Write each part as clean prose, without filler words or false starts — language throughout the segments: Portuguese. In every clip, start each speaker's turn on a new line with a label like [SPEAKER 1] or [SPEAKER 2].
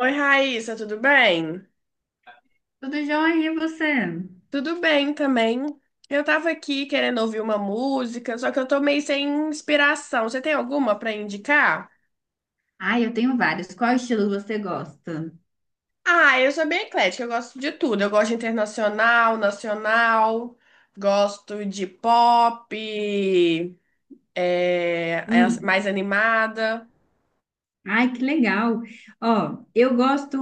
[SPEAKER 1] Oi, Raíssa, tudo bem?
[SPEAKER 2] Tudo jóia, e você?
[SPEAKER 1] Tudo bem também. Eu tava aqui querendo ouvir uma música, só que eu tô meio sem inspiração. Você tem alguma pra indicar?
[SPEAKER 2] Ai, eu tenho vários. Qual estilo você gosta?
[SPEAKER 1] Ah, eu sou bem eclética, eu gosto de tudo. Eu gosto de internacional, nacional, gosto de pop, é
[SPEAKER 2] Hum.
[SPEAKER 1] mais animada.
[SPEAKER 2] Ai, que legal. Ó, eu gosto,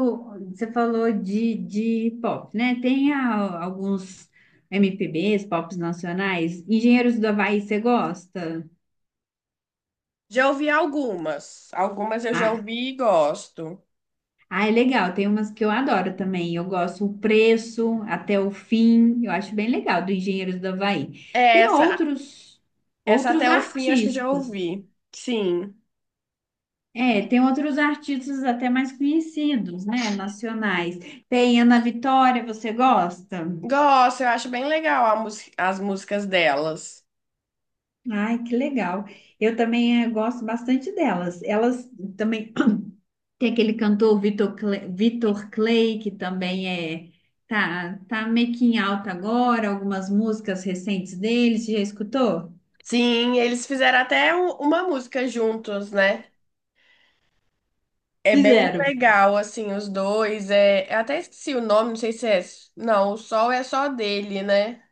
[SPEAKER 2] você falou de pop, né? Tem alguns MPBs, pops nacionais. Engenheiros do Havaí, você gosta?
[SPEAKER 1] Já ouvi algumas. Algumas eu já
[SPEAKER 2] Ah,
[SPEAKER 1] ouvi e gosto.
[SPEAKER 2] ah, é legal. Tem umas que eu adoro também. Eu gosto o preço, até o fim. Eu acho bem legal do Engenheiros do Havaí.
[SPEAKER 1] É,
[SPEAKER 2] Tem
[SPEAKER 1] essa,
[SPEAKER 2] outros
[SPEAKER 1] essa
[SPEAKER 2] outros
[SPEAKER 1] até o fim acho que eu já
[SPEAKER 2] artistas.
[SPEAKER 1] ouvi. Sim.
[SPEAKER 2] É, tem outros artistas até mais conhecidos, né, nacionais. Tem Ana Vitória, você gosta?
[SPEAKER 1] Gosto, eu acho bem legal a as músicas delas.
[SPEAKER 2] Ai, que legal. Eu também gosto bastante delas. Elas também tem aquele cantor Vitor Clay, que também é tá meio que em alta agora, algumas músicas recentes dele, você já escutou?
[SPEAKER 1] Sim, eles fizeram até uma música juntos, né? É bem
[SPEAKER 2] Fizeram.
[SPEAKER 1] legal, assim, os dois. Eu até esqueci o nome, não sei se é. Não, o Sol é só dele, né?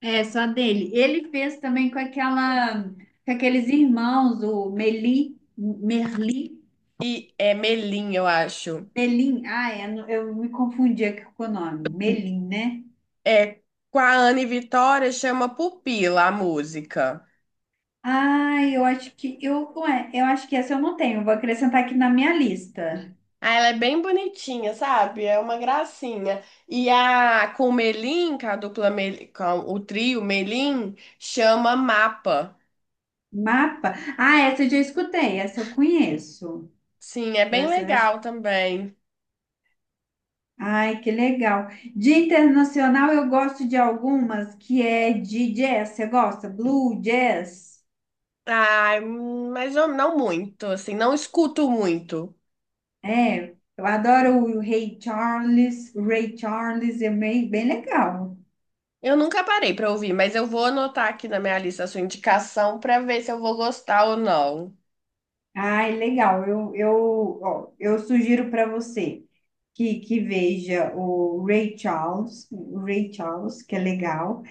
[SPEAKER 2] É, só dele. Ele fez também com aquela com aqueles irmãos, o Merli.
[SPEAKER 1] E é Melim, eu acho.
[SPEAKER 2] Melim? Ah, é, eu me confundi aqui com o nome. Melim, né?
[SPEAKER 1] É com a Ana e Vitória, chama Pupila a música.
[SPEAKER 2] Ah, eu acho que eu acho que essa eu não tenho. Vou acrescentar aqui na minha lista.
[SPEAKER 1] Ah, ela é bem bonitinha, sabe? É uma gracinha. E a com o Melim, com a dupla Melim, com o trio Melim, chama Mapa.
[SPEAKER 2] Mapa. Ah, essa eu já escutei, essa eu conheço.
[SPEAKER 1] Sim, é bem
[SPEAKER 2] Essa eu acho.
[SPEAKER 1] legal também.
[SPEAKER 2] Ai, que legal. De internacional eu gosto de algumas que é de jazz. Você gosta? Blue jazz?
[SPEAKER 1] Ai, mas eu não muito, assim, não escuto muito.
[SPEAKER 2] É, eu adoro o Ray Charles, é meio bem legal.
[SPEAKER 1] Eu nunca parei pra ouvir, mas eu vou anotar aqui na minha lista a sua indicação pra ver se eu vou gostar ou não.
[SPEAKER 2] Ai, legal. Ó, eu sugiro para você que veja o Ray Charles, que é legal.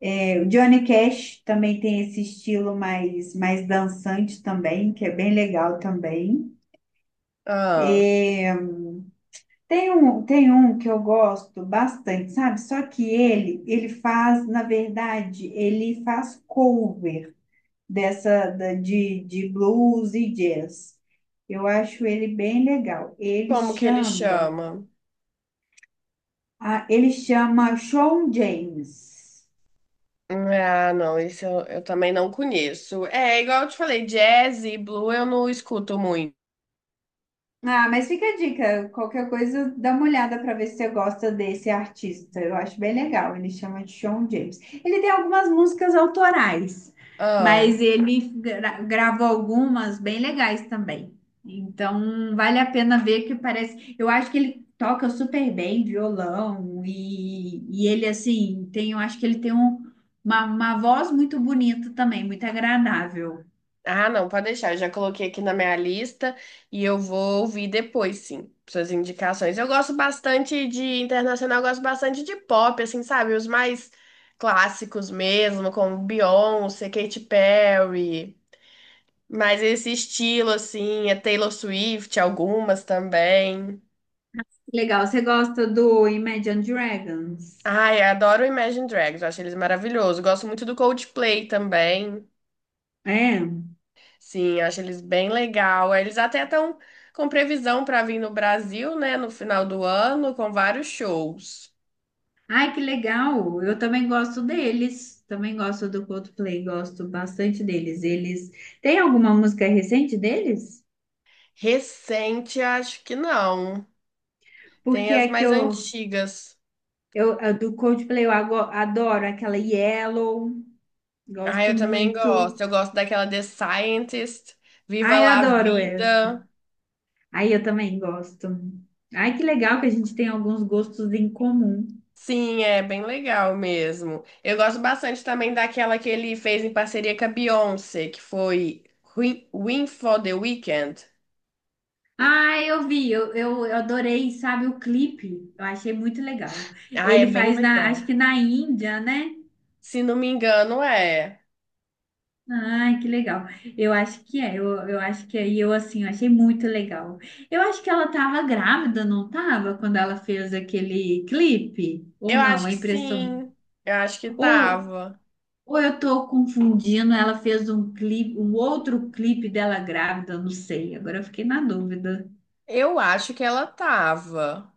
[SPEAKER 2] É, o Johnny Cash também tem esse estilo mais dançante também, que é bem legal também.
[SPEAKER 1] Ah,
[SPEAKER 2] É, tem um que eu gosto bastante, sabe? Só que ele faz, na verdade, ele faz cover dessa de blues e jazz. Eu acho ele bem legal. Ele
[SPEAKER 1] como que ele
[SPEAKER 2] chama,
[SPEAKER 1] chama?
[SPEAKER 2] ah, ele chama Shawn James.
[SPEAKER 1] Ah, não, isso eu também não conheço. É, igual eu te falei, jazz e blue eu não escuto muito.
[SPEAKER 2] Ah, mas fica a dica. Qualquer coisa, dá uma olhada para ver se você gosta desse artista. Eu acho bem legal. Ele chama de Shawn James. Ele tem algumas músicas autorais, mas
[SPEAKER 1] Ah.
[SPEAKER 2] ele gravou algumas bem legais também. Então, vale a pena ver que parece. Eu acho que ele toca super bem violão e ele, assim, tem, eu acho que ele tem uma voz muito bonita também, muito agradável.
[SPEAKER 1] Ah, não, pode deixar. Eu já coloquei aqui na minha lista e eu vou ouvir depois, sim, suas indicações. Eu gosto bastante de internacional, eu gosto bastante de pop, assim, sabe? Os mais clássicos mesmo, como Beyoncé, Katy Perry. Mas esse estilo, assim, é Taylor Swift, algumas também.
[SPEAKER 2] Legal. Você gosta do Imagine Dragons?
[SPEAKER 1] Ai, eu adoro o Imagine Dragons, eu acho eles maravilhosos. Gosto muito do Coldplay também.
[SPEAKER 2] É.
[SPEAKER 1] Sim, acho eles bem legal. É, eles até estão com previsão para vir no Brasil, né, no final do ano, com vários shows.
[SPEAKER 2] Ai, que legal! Eu também gosto deles. Também gosto do Coldplay, gosto bastante deles. Eles tem alguma música recente deles?
[SPEAKER 1] Recente, acho que não. Tem
[SPEAKER 2] Porque
[SPEAKER 1] as
[SPEAKER 2] é que
[SPEAKER 1] mais antigas.
[SPEAKER 2] eu a do Coldplay eu adoro aquela Yellow,
[SPEAKER 1] Ah,
[SPEAKER 2] gosto
[SPEAKER 1] eu também
[SPEAKER 2] muito.
[SPEAKER 1] gosto. Eu gosto daquela The Scientist, Viva
[SPEAKER 2] Ai, eu
[SPEAKER 1] La
[SPEAKER 2] adoro essa.
[SPEAKER 1] Vida.
[SPEAKER 2] Ai, eu também gosto. Ai, que legal que a gente tem alguns gostos em comum.
[SPEAKER 1] Sim, é bem legal mesmo. Eu gosto bastante também daquela que ele fez em parceria com a Beyoncé, que foi Win Win for the Weekend.
[SPEAKER 2] Ai, eu vi, eu adorei, sabe, o clipe. Eu achei muito legal.
[SPEAKER 1] Ah, é
[SPEAKER 2] Ele
[SPEAKER 1] bem
[SPEAKER 2] faz na,
[SPEAKER 1] legal.
[SPEAKER 2] acho que na Índia, né?
[SPEAKER 1] Se não me engano, é.
[SPEAKER 2] Ai, que legal. Eu acho que é, eu acho que aí eu assim, eu achei muito legal. Eu acho que ela tava grávida, não tava, quando ela fez aquele clipe, ou
[SPEAKER 1] Eu
[SPEAKER 2] não,
[SPEAKER 1] acho
[SPEAKER 2] a
[SPEAKER 1] que
[SPEAKER 2] impressão.
[SPEAKER 1] sim. Eu acho que
[SPEAKER 2] Ou,
[SPEAKER 1] tava.
[SPEAKER 2] ou eu tô confundindo, ela fez um clipe, um outro clipe dela grávida, eu não sei. Agora eu fiquei na dúvida.
[SPEAKER 1] Eu acho que ela tava.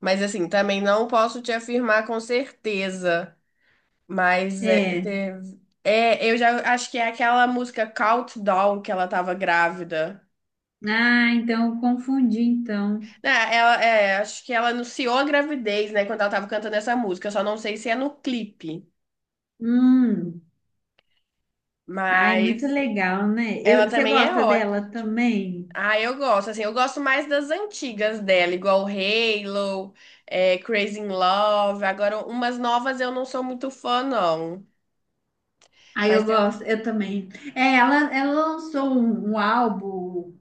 [SPEAKER 1] Mas assim, também não posso te afirmar com certeza. Mas
[SPEAKER 2] É.
[SPEAKER 1] eu já acho que é aquela música Countdown que ela tava grávida.
[SPEAKER 2] Ah, então eu confundi então.
[SPEAKER 1] Né, acho que ela anunciou a gravidez, né, quando ela tava cantando essa música. Eu só não sei se é no clipe.
[SPEAKER 2] Hum. Ai, muito
[SPEAKER 1] Mas
[SPEAKER 2] legal, né?
[SPEAKER 1] ela
[SPEAKER 2] Você
[SPEAKER 1] também é
[SPEAKER 2] gosta dela
[SPEAKER 1] ótima.
[SPEAKER 2] também?
[SPEAKER 1] Ah, eu gosto, assim, eu gosto mais das antigas dela, igual Halo, Crazy in Love. Agora, umas novas eu não sou muito fã, não.
[SPEAKER 2] Aí
[SPEAKER 1] Mas
[SPEAKER 2] eu
[SPEAKER 1] tem
[SPEAKER 2] gosto,
[SPEAKER 1] umas...
[SPEAKER 2] eu também. É, ela lançou um álbum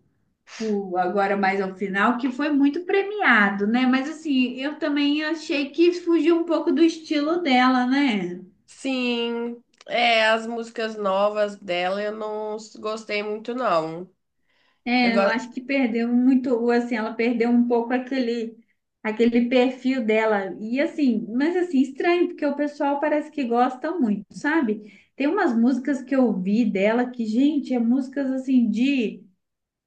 [SPEAKER 2] agora mais ao final que foi muito premiado, né? Mas assim, eu também achei que fugiu um pouco do estilo dela, né?
[SPEAKER 1] Sim, é, as músicas novas dela eu não gostei muito, não. Eu
[SPEAKER 2] É, eu
[SPEAKER 1] gosto...
[SPEAKER 2] acho que perdeu muito, assim, ela perdeu um pouco aquele perfil dela. E assim, mas assim, estranho, porque o pessoal parece que gosta muito, sabe? Tem umas músicas que eu ouvi dela que, gente, é músicas assim de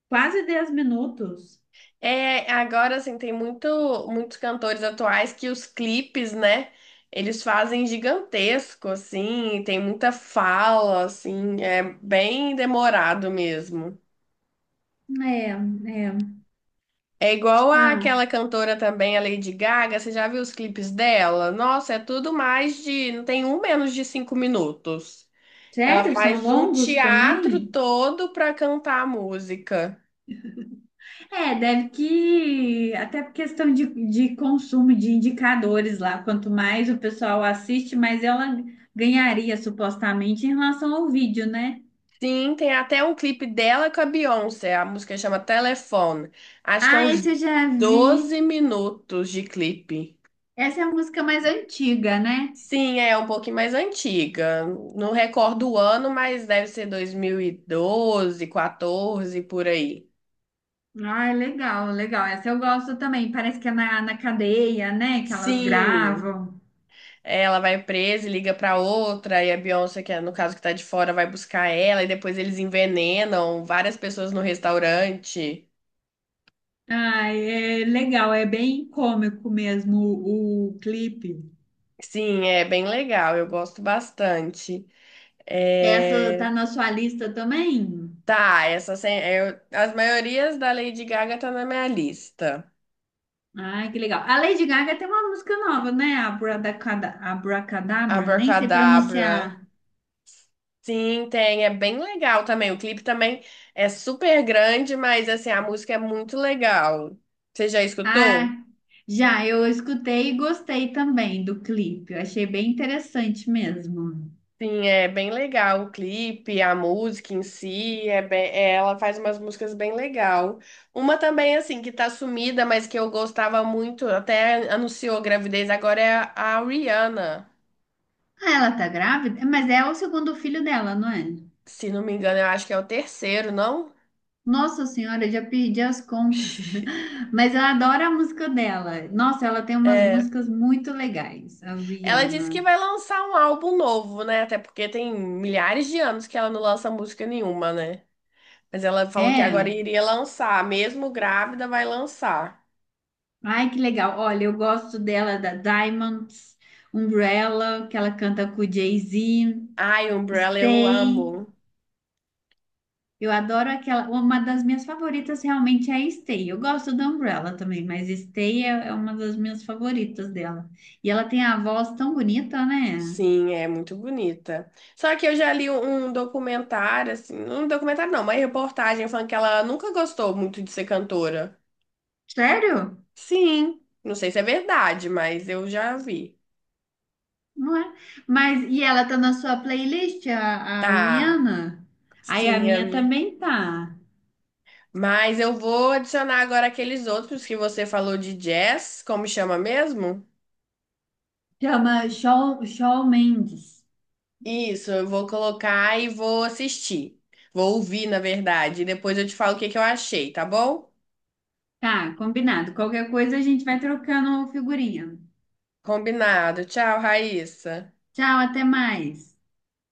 [SPEAKER 2] quase 10 minutos.
[SPEAKER 1] É, agora, assim, muitos cantores atuais que os clipes, né, eles fazem gigantesco, assim, tem muita fala, assim, é bem demorado mesmo.
[SPEAKER 2] É.
[SPEAKER 1] É igual
[SPEAKER 2] Ah,
[SPEAKER 1] àquela cantora também, a Lady Gaga, você já viu os clipes dela? Nossa, é tudo mais de, não tem um menos de 5 minutos. Ela
[SPEAKER 2] sério? São
[SPEAKER 1] faz um
[SPEAKER 2] longos
[SPEAKER 1] teatro
[SPEAKER 2] também?
[SPEAKER 1] todo pra cantar a música.
[SPEAKER 2] É, deve que até por questão de consumo de indicadores lá. Quanto mais o pessoal assiste, mais ela ganharia supostamente em relação ao vídeo, né?
[SPEAKER 1] Sim, tem até um clipe dela com a Beyoncé, a música chama Telefone. Acho que é
[SPEAKER 2] Ah,
[SPEAKER 1] uns
[SPEAKER 2] esse eu já vi.
[SPEAKER 1] 12 minutos de clipe.
[SPEAKER 2] Essa é a música mais antiga, né?
[SPEAKER 1] Sim, é um pouquinho mais antiga. Não recordo o ano, mas deve ser 2012, 2014 por aí.
[SPEAKER 2] Ah, legal, legal. Essa eu gosto também. Parece que é na, na cadeia, né? Que elas
[SPEAKER 1] Sim.
[SPEAKER 2] gravam.
[SPEAKER 1] É, ela vai presa e liga pra outra, e a Beyoncé, que é no caso que tá de fora, vai buscar ela, e depois eles envenenam várias pessoas no restaurante.
[SPEAKER 2] Ah, é legal, é bem cômico mesmo o clipe.
[SPEAKER 1] Sim, é bem legal, eu gosto bastante.
[SPEAKER 2] Essa
[SPEAKER 1] É,
[SPEAKER 2] tá na sua lista também?
[SPEAKER 1] tá, essa sem- eu- as maiorias da Lady Gaga tá na minha lista.
[SPEAKER 2] Ai, que legal. A Lady Gaga tem uma música nova, né? Abracadabra, nem sei
[SPEAKER 1] Abracadabra.
[SPEAKER 2] pronunciar.
[SPEAKER 1] Sim, tem, é bem legal também. O clipe também é super grande, mas assim, a música é muito legal. Você já escutou?
[SPEAKER 2] Ah, já, eu escutei e gostei também do clipe. Eu achei bem interessante mesmo.
[SPEAKER 1] Sim, é bem legal o clipe, a música em si, ela faz umas músicas bem legal. Uma também, assim, que tá sumida, mas que eu gostava muito, até anunciou gravidez, agora é a Rihanna.
[SPEAKER 2] Ah, ela tá grávida? Mas é o segundo filho dela, não é?
[SPEAKER 1] Se não me engano, eu acho que é o terceiro, não?
[SPEAKER 2] Nossa Senhora, eu já perdi as contas. Mas eu adoro a música dela. Nossa, ela tem umas
[SPEAKER 1] É.
[SPEAKER 2] músicas muito legais, a
[SPEAKER 1] Ela disse que
[SPEAKER 2] Rihanna.
[SPEAKER 1] vai lançar um álbum novo, né? Até porque tem milhares de anos que ela não lança música nenhuma, né? Mas ela falou que
[SPEAKER 2] É.
[SPEAKER 1] agora iria lançar, mesmo grávida, vai lançar.
[SPEAKER 2] Ai, que legal. Olha, eu gosto dela da Diamonds, Umbrella, que ela canta com o Jay-Z,
[SPEAKER 1] Ai, Umbrella, eu
[SPEAKER 2] Stay.
[SPEAKER 1] amo.
[SPEAKER 2] Eu adoro aquela. Uma das minhas favoritas realmente é a Stay. Eu gosto da Umbrella também, mas Stay é uma das minhas favoritas dela. E ela tem a voz tão bonita, né?
[SPEAKER 1] Sim, é muito bonita. Só que eu já li um documentário, assim, um documentário não, uma reportagem falando que ela nunca gostou muito de ser cantora.
[SPEAKER 2] Sério?
[SPEAKER 1] Sim, não sei se é verdade, mas eu já vi.
[SPEAKER 2] Não é? Mas e ela tá na sua playlist, a
[SPEAKER 1] Tá,
[SPEAKER 2] Rihanna? Aí a
[SPEAKER 1] sim, eu
[SPEAKER 2] minha
[SPEAKER 1] vi.
[SPEAKER 2] também tá.
[SPEAKER 1] Mas eu vou adicionar agora aqueles outros que você falou de jazz, como chama mesmo?
[SPEAKER 2] Chama Shawn Mendes.
[SPEAKER 1] Isso, eu vou colocar e vou assistir. Vou ouvir, na verdade, e depois eu te falo o que que eu achei, tá bom?
[SPEAKER 2] Tá, combinado. Qualquer coisa a gente vai trocando figurinha.
[SPEAKER 1] Combinado. Tchau, Raíssa.
[SPEAKER 2] Tchau, até mais.